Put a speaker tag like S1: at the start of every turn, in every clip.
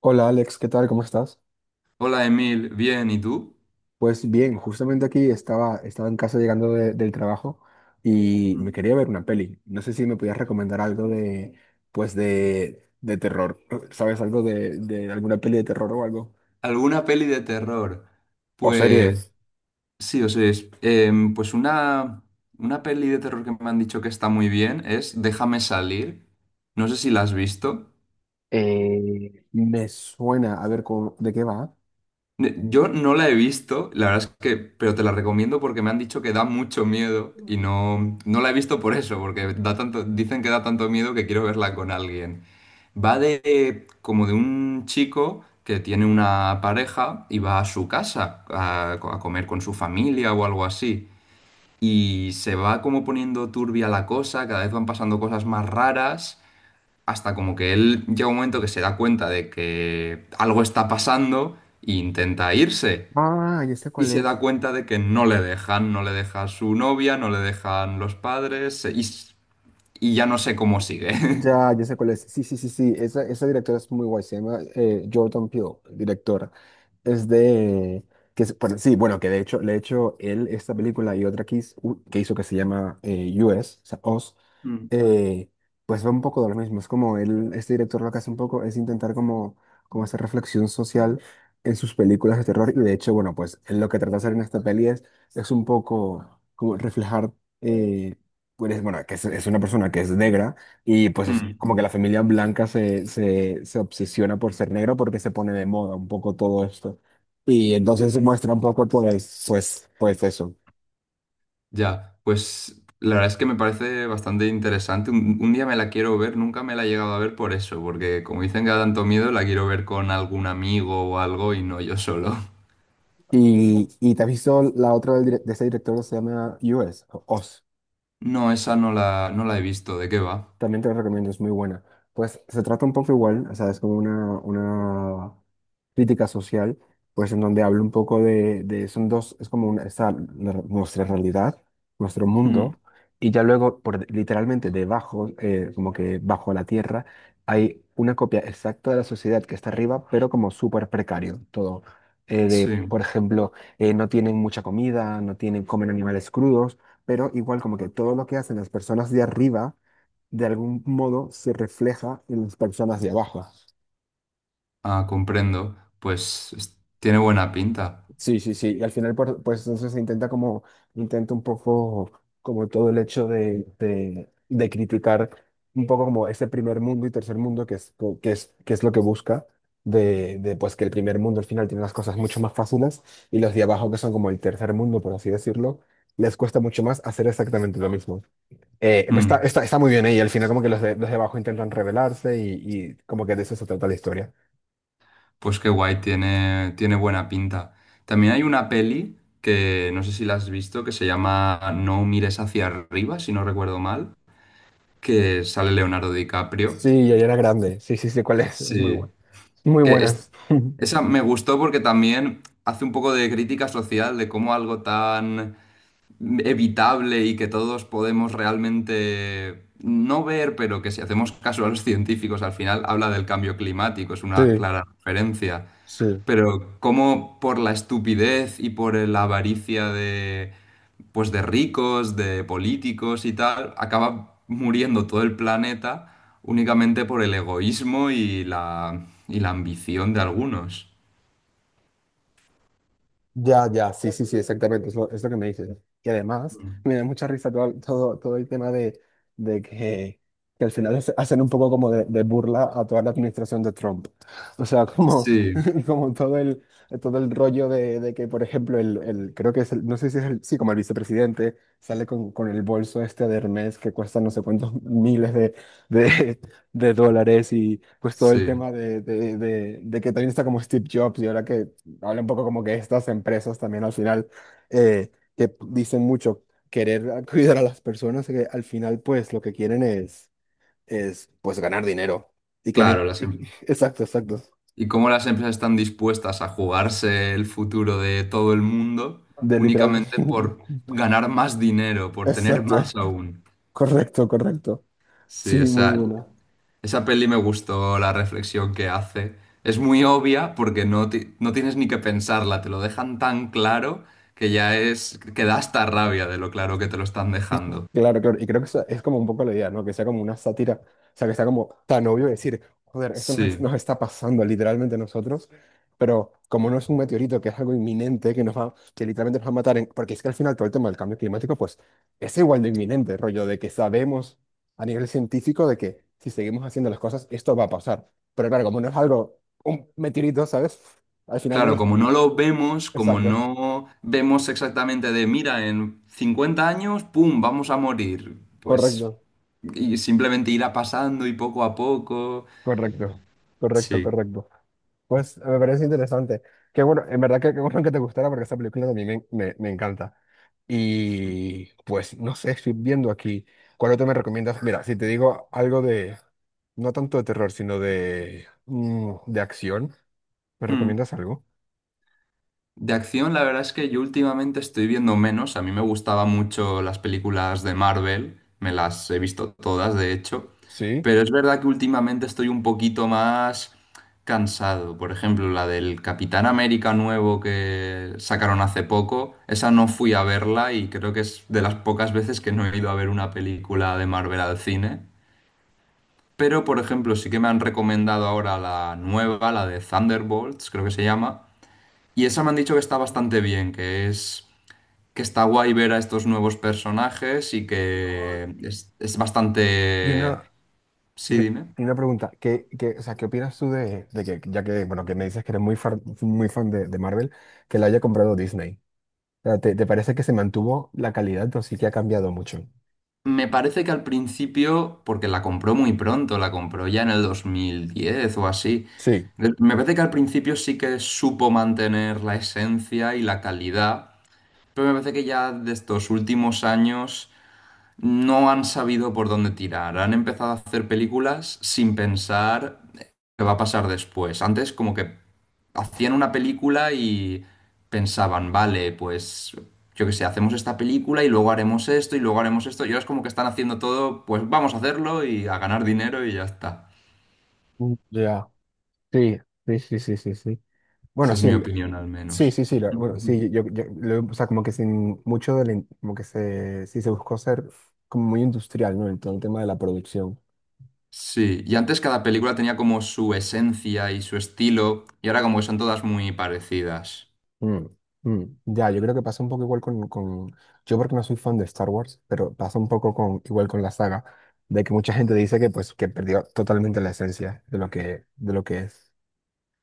S1: Hola Alex, ¿qué tal? ¿Cómo estás?
S2: Hola Emil, bien, ¿y tú?
S1: Pues bien, justamente aquí estaba, en casa llegando del trabajo y me
S2: Mm.
S1: quería ver una peli. No sé si me podías recomendar algo de, pues de, terror. ¿Sabes algo de alguna peli de terror o algo?
S2: ¿Alguna peli de terror?
S1: O
S2: Pues
S1: series.
S2: sí, o sea, pues una peli de terror que me han dicho que está muy bien es Déjame salir. No sé si la has visto.
S1: Me suena, a ver, ¿de qué va?
S2: Yo no la he visto, la verdad es que, pero te la recomiendo porque me han dicho que da mucho miedo y no la he visto por eso, porque da tanto, dicen que da tanto miedo que quiero verla con alguien. Va de como de un chico que tiene una pareja y va a su casa a comer con su familia o algo así. Y se va como poniendo turbia la cosa, cada vez van pasando cosas más raras, hasta como que él llega un momento que se da cuenta de que algo está pasando e intenta irse.
S1: Ah, ya sé
S2: Y
S1: cuál
S2: se
S1: es.
S2: da cuenta de que no le dejan, no le deja su novia, no le dejan los padres y ya no sé cómo sigue.
S1: Ya, ya sé cuál es. Sí, sí, sí, sí. Esa directora es muy guay. Se llama Jordan Peele, directora. Es de... Bueno, sí, bueno, que de hecho, le he hecho él esta película y otra que hizo, que hizo que se llama US, o sea, Oz,
S2: Mm.
S1: eh, pues va un poco de lo mismo. Es como él, este director lo que hace un poco es intentar como, como hacer reflexión social en sus películas de terror. Y de hecho, bueno, pues él lo que trata de hacer en esta peli es un poco como reflejar, eh, pues, bueno, que es una persona que es negra y pues es
S2: Mm,
S1: como que la familia blanca se obsesiona por ser negro porque se pone de moda un poco todo esto. Y entonces muestra un poco pues, pues eso.
S2: ya, pues la verdad es que me parece bastante interesante. Un día me la quiero ver, nunca me la he llegado a ver por eso, porque como dicen que da tanto miedo, la quiero ver con algún amigo o algo y no yo solo.
S1: Y te has visto la otra de ese director que se llama US, o Oz.
S2: No, esa no la he visto, ¿de qué va?
S1: También te la recomiendo, es muy buena. Pues se trata un poco igual, o sea, es como una crítica social, pues en donde habla un poco de, son dos, es como una, nuestra realidad, nuestro
S2: Mm,
S1: mundo, y ya luego, literalmente debajo, como que bajo la tierra, hay una copia exacta de la sociedad que está arriba, pero como súper precario todo. De,
S2: sí,
S1: por ejemplo, no tienen mucha comida, no tienen, comen animales crudos, pero igual como que todo lo que hacen las personas de arriba, de algún modo se refleja en las personas de abajo.
S2: ah, comprendo. Pues tiene buena pinta.
S1: Sí, sí, sí. Y al final, pues entonces se intenta como, intenta un poco como todo el hecho de criticar un poco como ese primer mundo y tercer mundo que es, que es, que es lo que busca. De pues que el primer mundo al final tiene las cosas mucho más fáciles y los de abajo que son como el tercer mundo, por así decirlo, les cuesta mucho más hacer exactamente lo mismo.
S2: Mm.
S1: Está muy bien ahí, al final como que los de abajo intentan rebelarse y como que de eso se trata la historia.
S2: Pues qué guay, tiene, tiene buena pinta. También hay una peli que no sé si la has visto, que se llama No mires hacia arriba, si no recuerdo mal, que sale Leonardo DiCaprio.
S1: Sí, ya era grande. Sí, sí, sí, cuál es. Es muy
S2: Sí.
S1: buena. Muy
S2: Que es-
S1: buenas.
S2: Esa me gustó porque también hace un poco de crítica social de cómo algo tan evitable y que todos podemos realmente no ver, pero que si hacemos caso a los científicos al final habla del cambio climático, es una
S1: Sí,
S2: clara referencia.
S1: sí.
S2: Pero como por la estupidez y por la avaricia de, pues de ricos, de políticos y tal, acaba muriendo todo el planeta únicamente por el egoísmo y y la ambición de algunos.
S1: Ya, ya, sí, sí, sí, exactamente, es lo que me dices. Y además,
S2: Mm.
S1: me da mucha risa todo, todo, todo el tema de que al final hacen un poco como de burla a toda la administración de Trump. O sea, como,
S2: Sí,
S1: como todo el rollo de que, por ejemplo, el, creo que es el, no sé si es el, sí, como el vicepresidente sale con el bolso este de Hermes que cuesta no sé cuántos miles de, de dólares y pues todo el
S2: sí,
S1: tema de, de que también está como Steve Jobs y ahora que habla un poco como que estas empresas también al final, eh, que dicen mucho querer cuidar a las personas, que al final pues lo que quieren es pues ganar dinero. Y que no...
S2: claro.
S1: y que- Exacto, exacto.
S2: Y cómo las empresas están dispuestas a jugarse el futuro de todo el mundo
S1: De literal.
S2: únicamente por ganar más dinero, por tener más
S1: Exacto.
S2: aún.
S1: Correcto, correcto.
S2: Sí, o
S1: Sí, muy
S2: sea,
S1: buena.
S2: esa peli me gustó la reflexión que hace. Es muy obvia porque no tienes ni que pensarla, te lo dejan tan claro que ya es, que da hasta rabia de lo claro que te lo están
S1: Y-
S2: dejando.
S1: claro, claro, y creo que esa es como un poco la idea, ¿no? Que sea como una sátira, o sea, que sea como tan obvio decir, joder, esto nos,
S2: Sí,
S1: nos está pasando literalmente a nosotros, pero como no es un meteorito, que es algo inminente, que nos va, que literalmente nos va a matar, porque es que al final todo el tema del cambio climático, pues es igual de inminente, rollo, de que sabemos a nivel científico de que si seguimos haciendo las cosas, esto va a pasar. Pero claro, como no es algo, un meteorito, ¿sabes? Al final no
S2: claro,
S1: lo...
S2: como no lo vemos, como
S1: Exacto,
S2: no vemos exactamente de, mira, en 50 años, ¡pum!, vamos a morir. Pues,
S1: correcto.
S2: y simplemente irá pasando y poco a poco.
S1: Correcto, correcto,
S2: Sí.
S1: correcto. Pues me parece interesante. Qué bueno, en verdad que qué bueno que te gustara porque esa película también me, me encanta. Y pues no sé, estoy viendo aquí. ¿Cuál otro me recomiendas? Mira, si te digo algo de, no tanto de terror, sino de, de acción, ¿me
S2: Hmm.
S1: recomiendas algo?
S2: De acción, la verdad es que yo últimamente estoy viendo menos. A mí me gustaban mucho las películas de Marvel, me las he visto todas, de hecho.
S1: Sí.
S2: Pero es verdad que últimamente estoy un poquito más cansado. Por ejemplo, la del Capitán América nuevo que sacaron hace poco, esa no fui a verla y creo que es de las pocas veces que no he ido a ver una película de Marvel al cine. Pero, por ejemplo, sí que me han recomendado ahora la nueva, la de Thunderbolts, creo que se llama. Y esa me han dicho que está bastante bien, que es que está guay ver a estos nuevos personajes y que
S1: Y
S2: es bastante...
S1: una, y
S2: Sí, dime.
S1: y una pregunta, ¿qué, qué, o sea, ¿qué opinas tú de que, ya que, bueno, que me dices que eres muy fan de Marvel, que la haya comprado Disney? O sea, ¿te, te parece que se mantuvo la calidad o sí que ha cambiado mucho?
S2: Me parece que al principio, porque la compró muy pronto, la compró ya en el 2010 o así,
S1: Sí.
S2: me parece que al principio sí que supo mantener la esencia y la calidad, pero me parece que ya de estos últimos años no han sabido por dónde tirar. Han empezado a hacer películas sin pensar qué va a pasar después. Antes como que hacían una película y pensaban, vale, pues yo qué sé, hacemos esta película y luego haremos esto y luego haremos esto. Y ahora es como que están haciendo todo, pues vamos a hacerlo y a ganar dinero y ya está.
S1: Mm. Ya. Sí, sí, sí, sí, sí, sí. Bueno,
S2: Esa es
S1: sí,
S2: mi
S1: el,
S2: opinión al
S1: sí,
S2: menos.
S1: sí, sí, bueno, sí, yo, o sea, como que sin mucho del, como que se, sí se buscó ser como muy industrial, ¿no? En todo el tema de la producción.
S2: Sí, y antes cada película tenía como su esencia y su estilo, y ahora como que son todas muy parecidas.
S1: Mm, mm. Ya, yo creo que pasa un poco igual con, yo porque no soy fan de Star Wars, pero pasa un poco con, igual con la saga, de que mucha gente dice que, pues, que perdió totalmente la esencia de lo que es.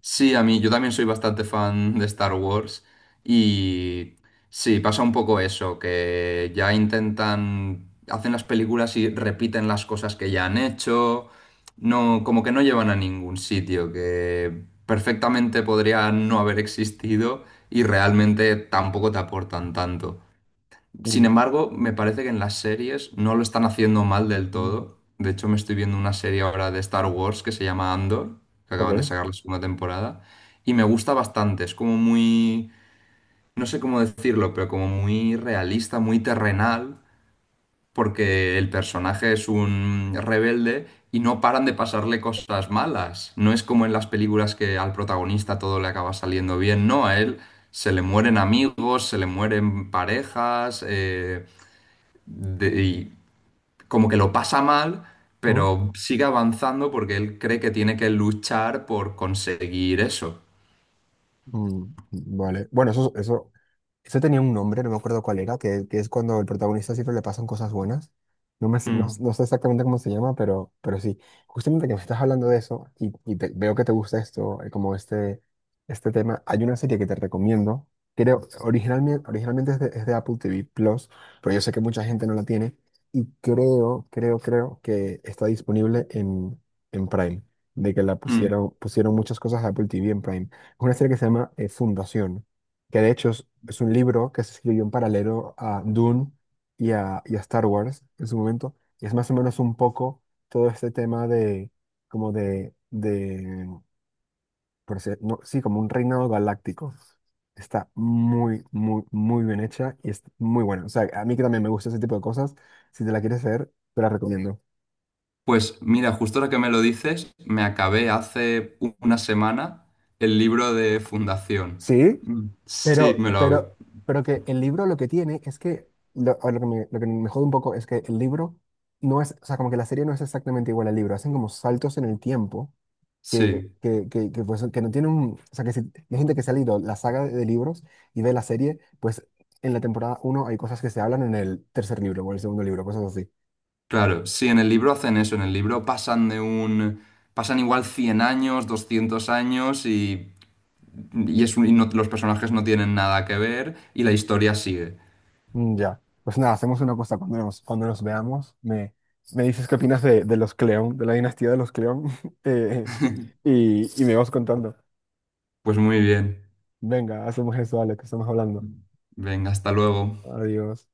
S2: Sí, a mí, yo también soy bastante fan de Star Wars y sí, pasa un poco eso, que ya intentan, hacen las películas y repiten las cosas que ya han hecho, no, como que no llevan a ningún sitio, que perfectamente podrían no haber existido y realmente tampoco te aportan tanto. Sin
S1: Mm,
S2: embargo, me parece que en las series no lo están haciendo mal del
S1: mm.
S2: todo. De hecho, me estoy viendo una serie ahora de Star Wars que se llama Andor, que acaban de
S1: Ok.
S2: sacar la segunda temporada, y me gusta bastante. Es como muy, no sé cómo decirlo, pero como muy realista, muy terrenal, porque el personaje es un rebelde y no paran de pasarle cosas malas. No es como en las películas que al protagonista todo le acaba saliendo bien, no, a él se le mueren amigos, se le mueren parejas. Y como que lo pasa mal, pero sigue avanzando porque él cree que tiene que luchar por conseguir eso.
S1: Mm, vale. Bueno, eso tenía un nombre, no me acuerdo cuál era, que es cuando el protagonista siempre le pasan cosas buenas. No, me, no,
S2: Mm,
S1: no sé exactamente cómo se llama, pero sí. Justamente que me estás hablando de eso y, veo que te gusta esto, como este tema, hay una serie que te recomiendo. Creo, originalmente, originalmente es de Apple TV Plus, pero yo sé que mucha gente no la tiene y creo, creo, creo que está disponible en Prime, de que la
S2: mm.
S1: pusieron, pusieron muchas cosas de Apple TV en Prime, una serie que se llama Fundación, que de hecho es un libro que se escribió en paralelo a Dune y a Star Wars en su momento, y es más o menos un poco todo este tema de, como de no, sí, como un reinado galáctico. Está muy, muy, muy bien hecha y es muy buena. O sea, a mí que también me gusta ese tipo de cosas, si te la quieres ver, te la recomiendo.
S2: Pues mira, justo ahora que me lo dices, me acabé hace una semana el libro de Fundación.
S1: Sí.
S2: Mm, sí,
S1: Pero,
S2: me lo...
S1: pero, pero que el libro lo que tiene es que, lo, o lo que me jode un poco es que el libro no es, o sea, como que la serie no es exactamente igual al libro, hacen como saltos en el tiempo
S2: Sí,
S1: que, pues, que no tienen, o sea, que si, hay gente que se ha leído la saga de libros y ve la serie, pues en la temporada uno hay cosas que se hablan en el tercer libro o el segundo libro, cosas así.
S2: claro. Sí, en el libro hacen eso, en el libro pasan de un... Pasan igual 100 años, 200 años y es un- y no- los personajes no tienen nada que ver y la historia sigue.
S1: Mm, ya, pues nada, hacemos una cosa, cuando nos veamos, me dices qué opinas de los Cleón, de la dinastía de los Cleón, eh, y me vas contando.
S2: Pues muy bien.
S1: Venga, hacemos eso, Alex, que estamos hablando.
S2: Venga, hasta luego.
S1: Adiós.